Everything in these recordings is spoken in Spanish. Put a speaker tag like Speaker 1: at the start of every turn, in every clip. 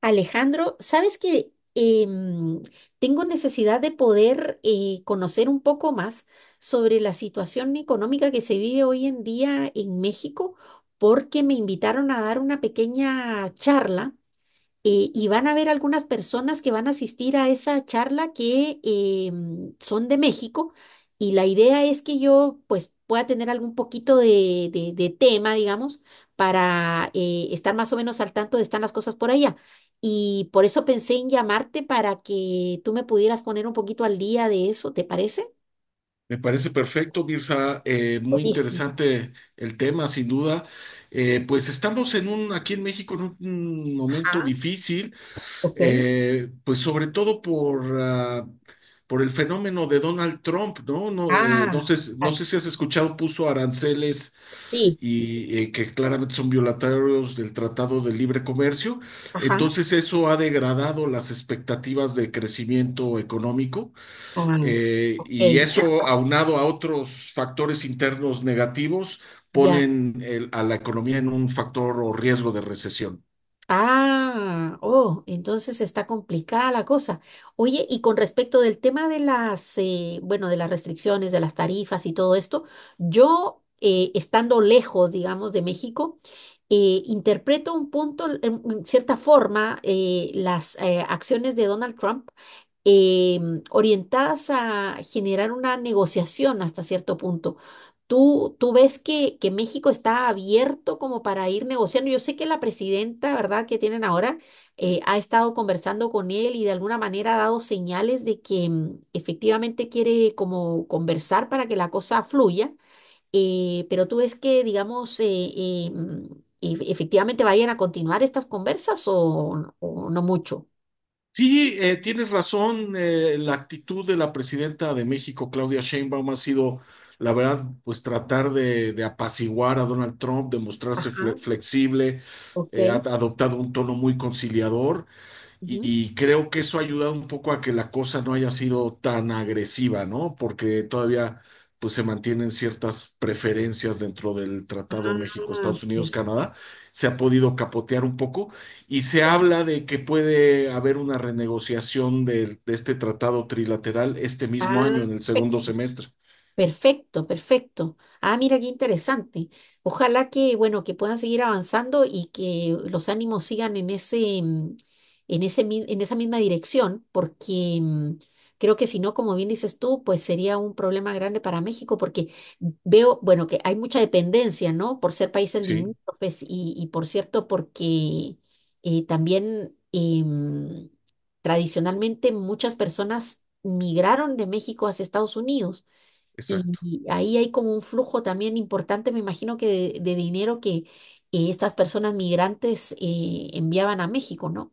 Speaker 1: Alejandro, sabes que tengo necesidad de poder conocer un poco más sobre la situación económica que se vive hoy en día en México, porque me invitaron a dar una pequeña charla y van a haber algunas personas que van a asistir a esa charla que son de México y la idea es que yo pues pueda tener algún poquito de tema, digamos, para estar más o menos al tanto de están las cosas por allá. Y por eso pensé en llamarte para que tú me pudieras poner un poquito al día de eso, ¿te parece?
Speaker 2: Me parece perfecto, Mirza. Muy
Speaker 1: Buenísimo.
Speaker 2: interesante el tema, sin duda. Pues estamos en aquí en México en un momento
Speaker 1: Ajá,
Speaker 2: difícil,
Speaker 1: ok.
Speaker 2: pues sobre todo por, por el fenómeno de Donald Trump, ¿no? No, no
Speaker 1: Ah,
Speaker 2: sé,
Speaker 1: a
Speaker 2: no sé si has escuchado, puso aranceles
Speaker 1: ti.
Speaker 2: y que claramente son violatorios del Tratado de Libre Comercio.
Speaker 1: Ajá.
Speaker 2: Entonces eso ha degradado las expectativas de crecimiento económico.
Speaker 1: Ah, ok.
Speaker 2: Y eso, aunado a otros factores internos negativos,
Speaker 1: Ya.
Speaker 2: ponen a la economía en un factor o riesgo de recesión.
Speaker 1: Ah, oh, entonces está complicada la cosa. Oye, y con respecto del tema de las, bueno, de las restricciones, de las tarifas y todo esto, yo, estando lejos, digamos, de México, interpreto un punto, en cierta forma, las acciones de Donald Trump orientadas a generar una negociación hasta cierto punto. ¿Tú ves que México está abierto como para ir negociando? Yo sé que la presidenta, ¿verdad?, que tienen ahora, ha estado conversando con él y de alguna manera ha dado señales de que efectivamente quiere como conversar para que la cosa fluya, pero tú ves que, digamos, eh, mm, efectivamente vayan a continuar estas conversas o no mucho.
Speaker 2: Sí, tienes razón. La actitud de la presidenta de México, Claudia Sheinbaum, ha sido, la verdad, pues tratar de apaciguar a Donald Trump, de mostrarse
Speaker 1: Ajá,
Speaker 2: flexible, ha
Speaker 1: ok.
Speaker 2: adoptado un tono muy conciliador.
Speaker 1: Ujú.
Speaker 2: Y creo que eso ha ayudado un poco a que la cosa no haya sido tan agresiva, ¿no? Porque todavía pues se mantienen ciertas preferencias dentro del
Speaker 1: Ah,
Speaker 2: Tratado México, Estados Unidos,
Speaker 1: perfecto.
Speaker 2: Canadá. Se ha podido capotear un poco y se habla de que puede haber una renegociación de este tratado trilateral este mismo
Speaker 1: Ah,
Speaker 2: año, en el segundo semestre.
Speaker 1: perfecto, perfecto. Ah, mira qué interesante. Ojalá que, bueno, que puedan seguir avanzando y que los ánimos sigan en ese, en en esa misma dirección, porque creo que si no, como bien dices tú, pues sería un problema grande para México, porque veo, bueno, que hay mucha dependencia, ¿no? Por ser países
Speaker 2: Sí,
Speaker 1: limítrofes y por cierto, porque eh, también em, tradicionalmente muchas personas migraron de México hacia Estados Unidos. Y
Speaker 2: exacto.
Speaker 1: y ahí hay como un flujo también importante, me imagino que de dinero que estas personas migrantes enviaban a México, ¿no?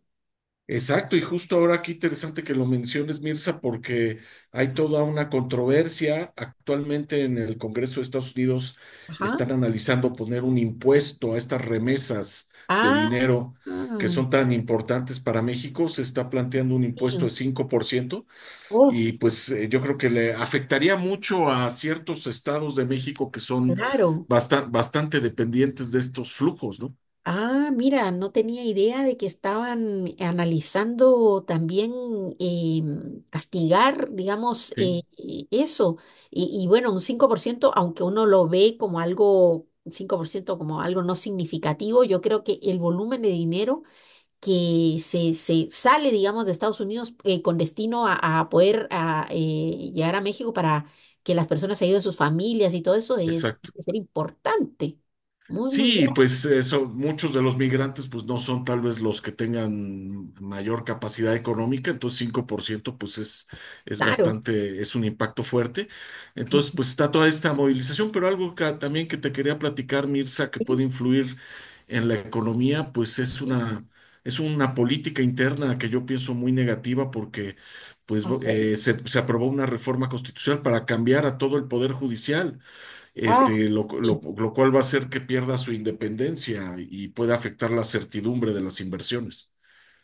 Speaker 2: Exacto, y justo ahora qué interesante que lo menciones, Mirza, porque hay toda una controversia. Actualmente en el Congreso de Estados Unidos
Speaker 1: Ajá.
Speaker 2: están analizando poner un impuesto a estas remesas de
Speaker 1: Ah,
Speaker 2: dinero que
Speaker 1: ah,
Speaker 2: son tan importantes para México. Se está planteando un impuesto
Speaker 1: mío.
Speaker 2: de 5%
Speaker 1: Oh,
Speaker 2: y pues yo creo que le afectaría mucho a ciertos estados de México que son
Speaker 1: claro.
Speaker 2: bastante dependientes de estos flujos, ¿no?
Speaker 1: Ah, mira, no tenía idea de que estaban analizando también eh, castigar, digamos,
Speaker 2: Sí,
Speaker 1: eso. Y bueno, un 5% aunque uno lo ve como algo, un 5% como algo no significativo, yo creo que el volumen de dinero que se sale, digamos, de Estados Unidos con destino a poder llegar a México para que las personas se ayuden a sus familias y todo eso
Speaker 2: exacto.
Speaker 1: es importante. Muy, muy
Speaker 2: Sí, pues eso, muchos de los migrantes pues no son tal vez los que tengan mayor capacidad económica, entonces 5%, pues es
Speaker 1: claro.
Speaker 2: bastante, es un impacto fuerte. Entonces pues está toda esta movilización, pero algo que, también que te quería platicar, Mirza, que puede
Speaker 1: Sí,
Speaker 2: influir en la economía, pues
Speaker 1: sí.
Speaker 2: es una política interna que yo pienso muy negativa porque pues
Speaker 1: A ver.
Speaker 2: se aprobó una reforma constitucional para cambiar a todo el poder judicial
Speaker 1: Ah,
Speaker 2: este,
Speaker 1: sí.
Speaker 2: lo cual va a hacer que pierda su independencia y puede afectar la certidumbre de las inversiones.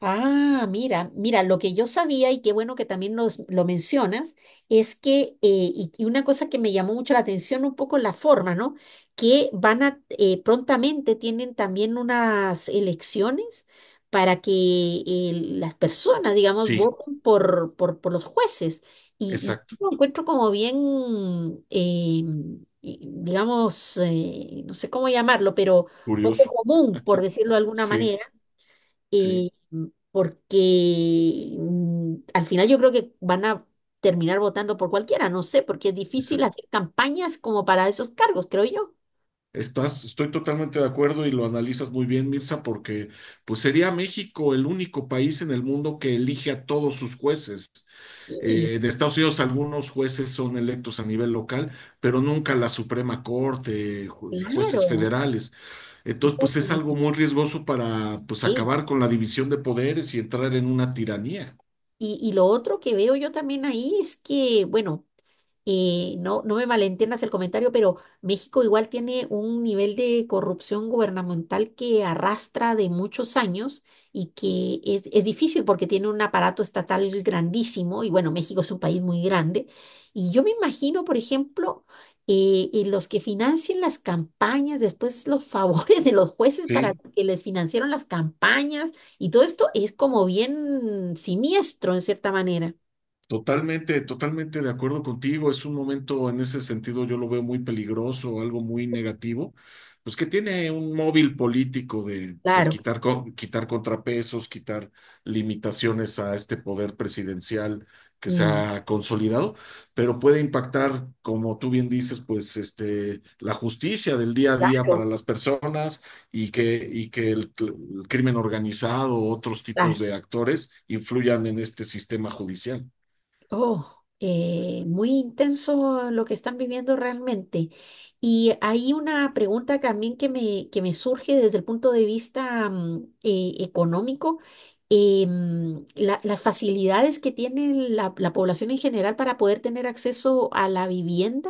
Speaker 1: Ah, mira, mira, lo que yo sabía y qué bueno que también lo mencionas, es que, y una cosa que me llamó mucho la atención, un poco la forma, ¿no? Que van a, prontamente tienen también unas elecciones para que las personas, digamos,
Speaker 2: Sí,
Speaker 1: voten por los jueces. Y
Speaker 2: exacto,
Speaker 1: lo encuentro como bien, eh, digamos, no sé cómo llamarlo, pero poco
Speaker 2: curioso.
Speaker 1: común, por decirlo de alguna
Speaker 2: Sí,
Speaker 1: manera
Speaker 2: sí,
Speaker 1: eh, porque al final yo creo que van a terminar votando por cualquiera, no sé, porque es difícil
Speaker 2: exacto.
Speaker 1: hacer campañas como para esos cargos, creo yo.
Speaker 2: Estoy totalmente de acuerdo y lo analizas muy bien, Mirza, porque pues sería México el único país en el mundo que elige a todos sus jueces.
Speaker 1: Sí,
Speaker 2: De Estados Unidos algunos jueces son electos a nivel local, pero nunca la Suprema Corte, jueces
Speaker 1: claro.
Speaker 2: federales. Entonces, pues es
Speaker 1: Uy,
Speaker 2: algo muy riesgoso para pues
Speaker 1: sí.
Speaker 2: acabar con la división de poderes y entrar en una tiranía.
Speaker 1: Y lo otro que veo yo también ahí es que, bueno, no, no me malentiendas el comentario, pero México igual tiene un nivel de corrupción gubernamental que arrastra de muchos años y que es difícil porque tiene un aparato estatal grandísimo y bueno, México es un país muy grande. Y yo me imagino, por ejemplo, los que financian las campañas, después los favores de los jueces para
Speaker 2: Sí,
Speaker 1: que les financiaron las campañas y todo esto es como bien siniestro en cierta manera.
Speaker 2: totalmente, totalmente de acuerdo contigo. Es un momento, en ese sentido, yo lo veo muy peligroso, algo muy negativo. Pues que tiene un móvil político de
Speaker 1: Claro,
Speaker 2: quitar, quitar contrapesos, quitar limitaciones a este poder presidencial que se
Speaker 1: mm,
Speaker 2: ha consolidado, pero puede impactar, como tú bien dices, pues este, la justicia del día a día para
Speaker 1: claro.
Speaker 2: las personas y que el crimen organizado, o otros tipos de actores influyan en este sistema judicial.
Speaker 1: Oh, muy intenso lo que están viviendo realmente. Y hay una pregunta también que me surge desde el punto de vista económico. Las facilidades que tiene la, la población en general para poder tener acceso a la vivienda.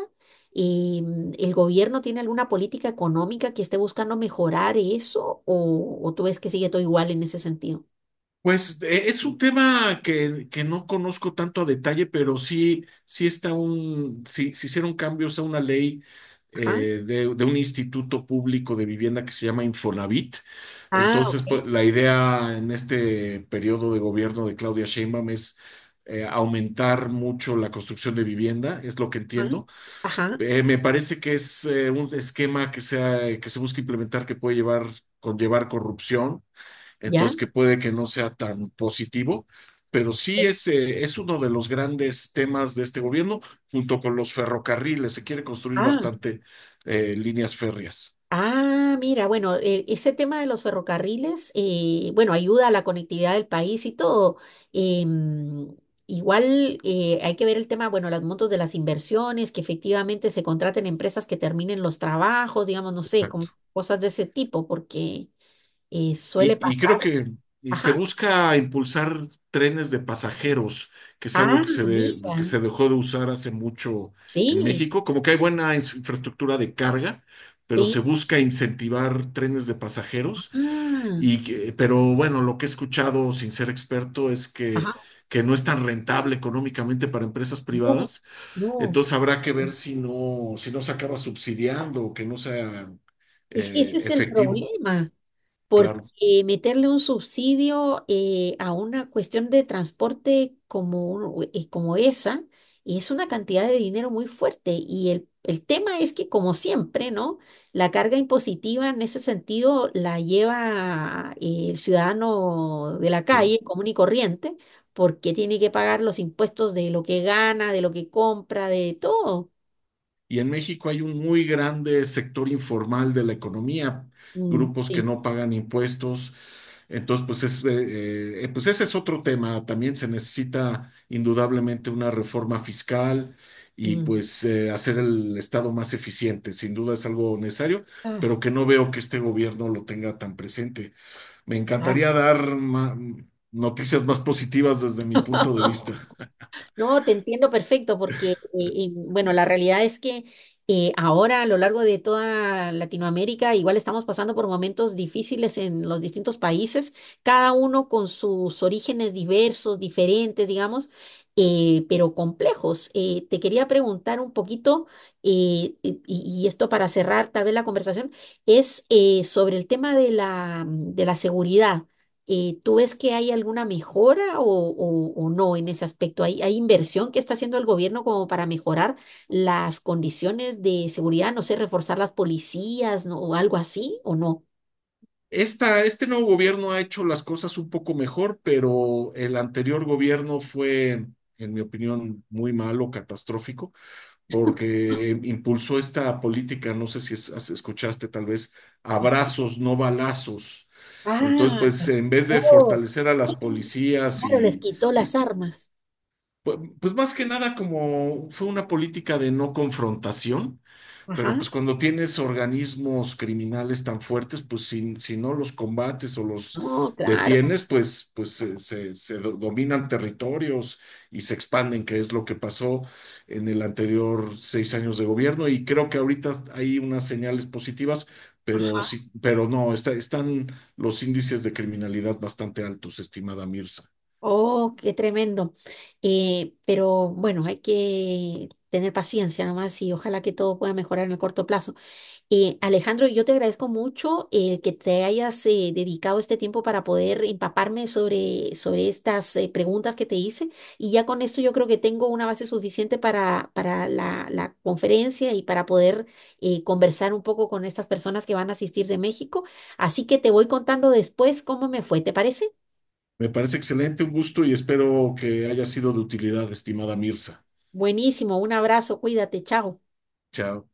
Speaker 1: ¿El gobierno tiene alguna política económica que esté buscando mejorar eso? O tú ves que sigue todo igual en ese sentido?
Speaker 2: Pues es un tema que no conozco tanto a detalle, pero sí, sí está un, sí, se hicieron cambios a una ley
Speaker 1: Ajá.
Speaker 2: de un instituto público de vivienda que se llama Infonavit.
Speaker 1: Ah,
Speaker 2: Entonces,
Speaker 1: ok.
Speaker 2: pues, la idea en este periodo de gobierno de Claudia Sheinbaum es aumentar mucho la construcción de vivienda, es lo que
Speaker 1: Ajá.
Speaker 2: entiendo.
Speaker 1: Ajá.
Speaker 2: Me parece que es un esquema que sea, que se busca implementar que puede llevar, conllevar corrupción,
Speaker 1: ¿Ya?
Speaker 2: entonces que puede que no sea tan positivo, pero sí es uno de los grandes temas de este gobierno, junto con los ferrocarriles, se quiere construir
Speaker 1: Ah,
Speaker 2: bastante líneas férreas.
Speaker 1: ah, mira, bueno, ese tema de los ferrocarriles, bueno, ayuda a la conectividad del país y todo. Em, igual hay que ver el tema, bueno, los montos de las inversiones, que efectivamente se contraten empresas que terminen los trabajos, digamos, no sé, como cosas de ese tipo, porque suele
Speaker 2: Y creo
Speaker 1: pasar.
Speaker 2: que y se
Speaker 1: Ajá.
Speaker 2: busca impulsar trenes de pasajeros, que es
Speaker 1: Ah,
Speaker 2: algo que
Speaker 1: mira,
Speaker 2: que se dejó de usar hace mucho en
Speaker 1: sí,
Speaker 2: México. Como que hay buena infraestructura de carga, pero se
Speaker 1: sí.
Speaker 2: busca incentivar trenes de pasajeros.
Speaker 1: Ah,
Speaker 2: Pero bueno, lo que he escuchado sin ser experto es
Speaker 1: ajá,
Speaker 2: que no es tan rentable económicamente para empresas
Speaker 1: no,
Speaker 2: privadas.
Speaker 1: no.
Speaker 2: Entonces habrá que ver si no, si no se acaba subsidiando o que no sea
Speaker 1: Es que ese es el
Speaker 2: efectivo.
Speaker 1: problema.
Speaker 2: Claro,
Speaker 1: Porque meterle un subsidio a una cuestión de transporte como, como esa es una cantidad de dinero muy fuerte. Y el tema es que, como siempre, ¿no? La carga impositiva en ese sentido la lleva el ciudadano de la
Speaker 2: sí.
Speaker 1: calle, común y corriente, porque tiene que pagar los impuestos de lo que gana, de lo que compra, de todo.
Speaker 2: Y en México hay un muy grande sector informal de la economía,
Speaker 1: Mm,
Speaker 2: grupos que
Speaker 1: sí.
Speaker 2: no pagan impuestos. Entonces, pues, pues ese es otro tema. También se necesita indudablemente una reforma fiscal y
Speaker 1: Mm.
Speaker 2: pues hacer el Estado más eficiente. Sin duda es algo necesario,
Speaker 1: Ah,
Speaker 2: pero que no veo que este gobierno lo tenga tan presente. Me
Speaker 1: claro.
Speaker 2: encantaría dar noticias más positivas desde mi punto de vista.
Speaker 1: No, te entiendo perfecto porque, bueno, la realidad es que ahora a lo largo de toda Latinoamérica igual estamos pasando por momentos difíciles en los distintos países, cada uno con sus orígenes diversos, diferentes, digamos, pero complejos. Te quería preguntar un poquito, y esto para cerrar tal vez la conversación, es sobre el tema de la seguridad ¿tú ves que hay alguna mejora o no en ese aspecto? ¿Hay, hay inversión que está haciendo el gobierno como para mejorar las condiciones de seguridad, no sé, reforzar las policías, ¿no? o algo así, o no?
Speaker 2: Este nuevo gobierno ha hecho las cosas un poco mejor, pero el anterior gobierno fue, en mi opinión, muy malo, catastrófico, porque impulsó esta política, no sé si escuchaste tal vez, abrazos, no balazos. Entonces,
Speaker 1: Ah,
Speaker 2: pues en vez de
Speaker 1: oh,
Speaker 2: fortalecer a las policías
Speaker 1: claro, les quitó las
Speaker 2: y,
Speaker 1: armas.
Speaker 2: pues más que nada como fue una política de no confrontación,
Speaker 1: Ajá.
Speaker 2: pero pues cuando tienes organismos criminales tan fuertes, pues si, si no los combates o los
Speaker 1: No, claro.
Speaker 2: detienes, pues, pues dominan territorios y se expanden, que es lo que pasó en el anterior 6 años de gobierno. Y creo que ahorita hay unas señales positivas, pero
Speaker 1: Ajá.
Speaker 2: sí, pero no, están los índices de criminalidad bastante altos, estimada Mirza.
Speaker 1: Oh, qué tremendo. Pero bueno, hay que tener paciencia nomás y ojalá que todo pueda mejorar en el corto plazo. Alejandro, yo te agradezco mucho el que te hayas dedicado este tiempo para poder empaparme sobre, sobre estas preguntas que te hice y ya con esto yo creo que tengo una base suficiente para la, la conferencia y para poder conversar un poco con estas personas que van a asistir de México. Así que te voy contando después cómo me fue, ¿te parece?
Speaker 2: Me parece excelente, un gusto y espero que haya sido de utilidad, estimada Mirza.
Speaker 1: Buenísimo, un abrazo, cuídate, chao.
Speaker 2: Chao.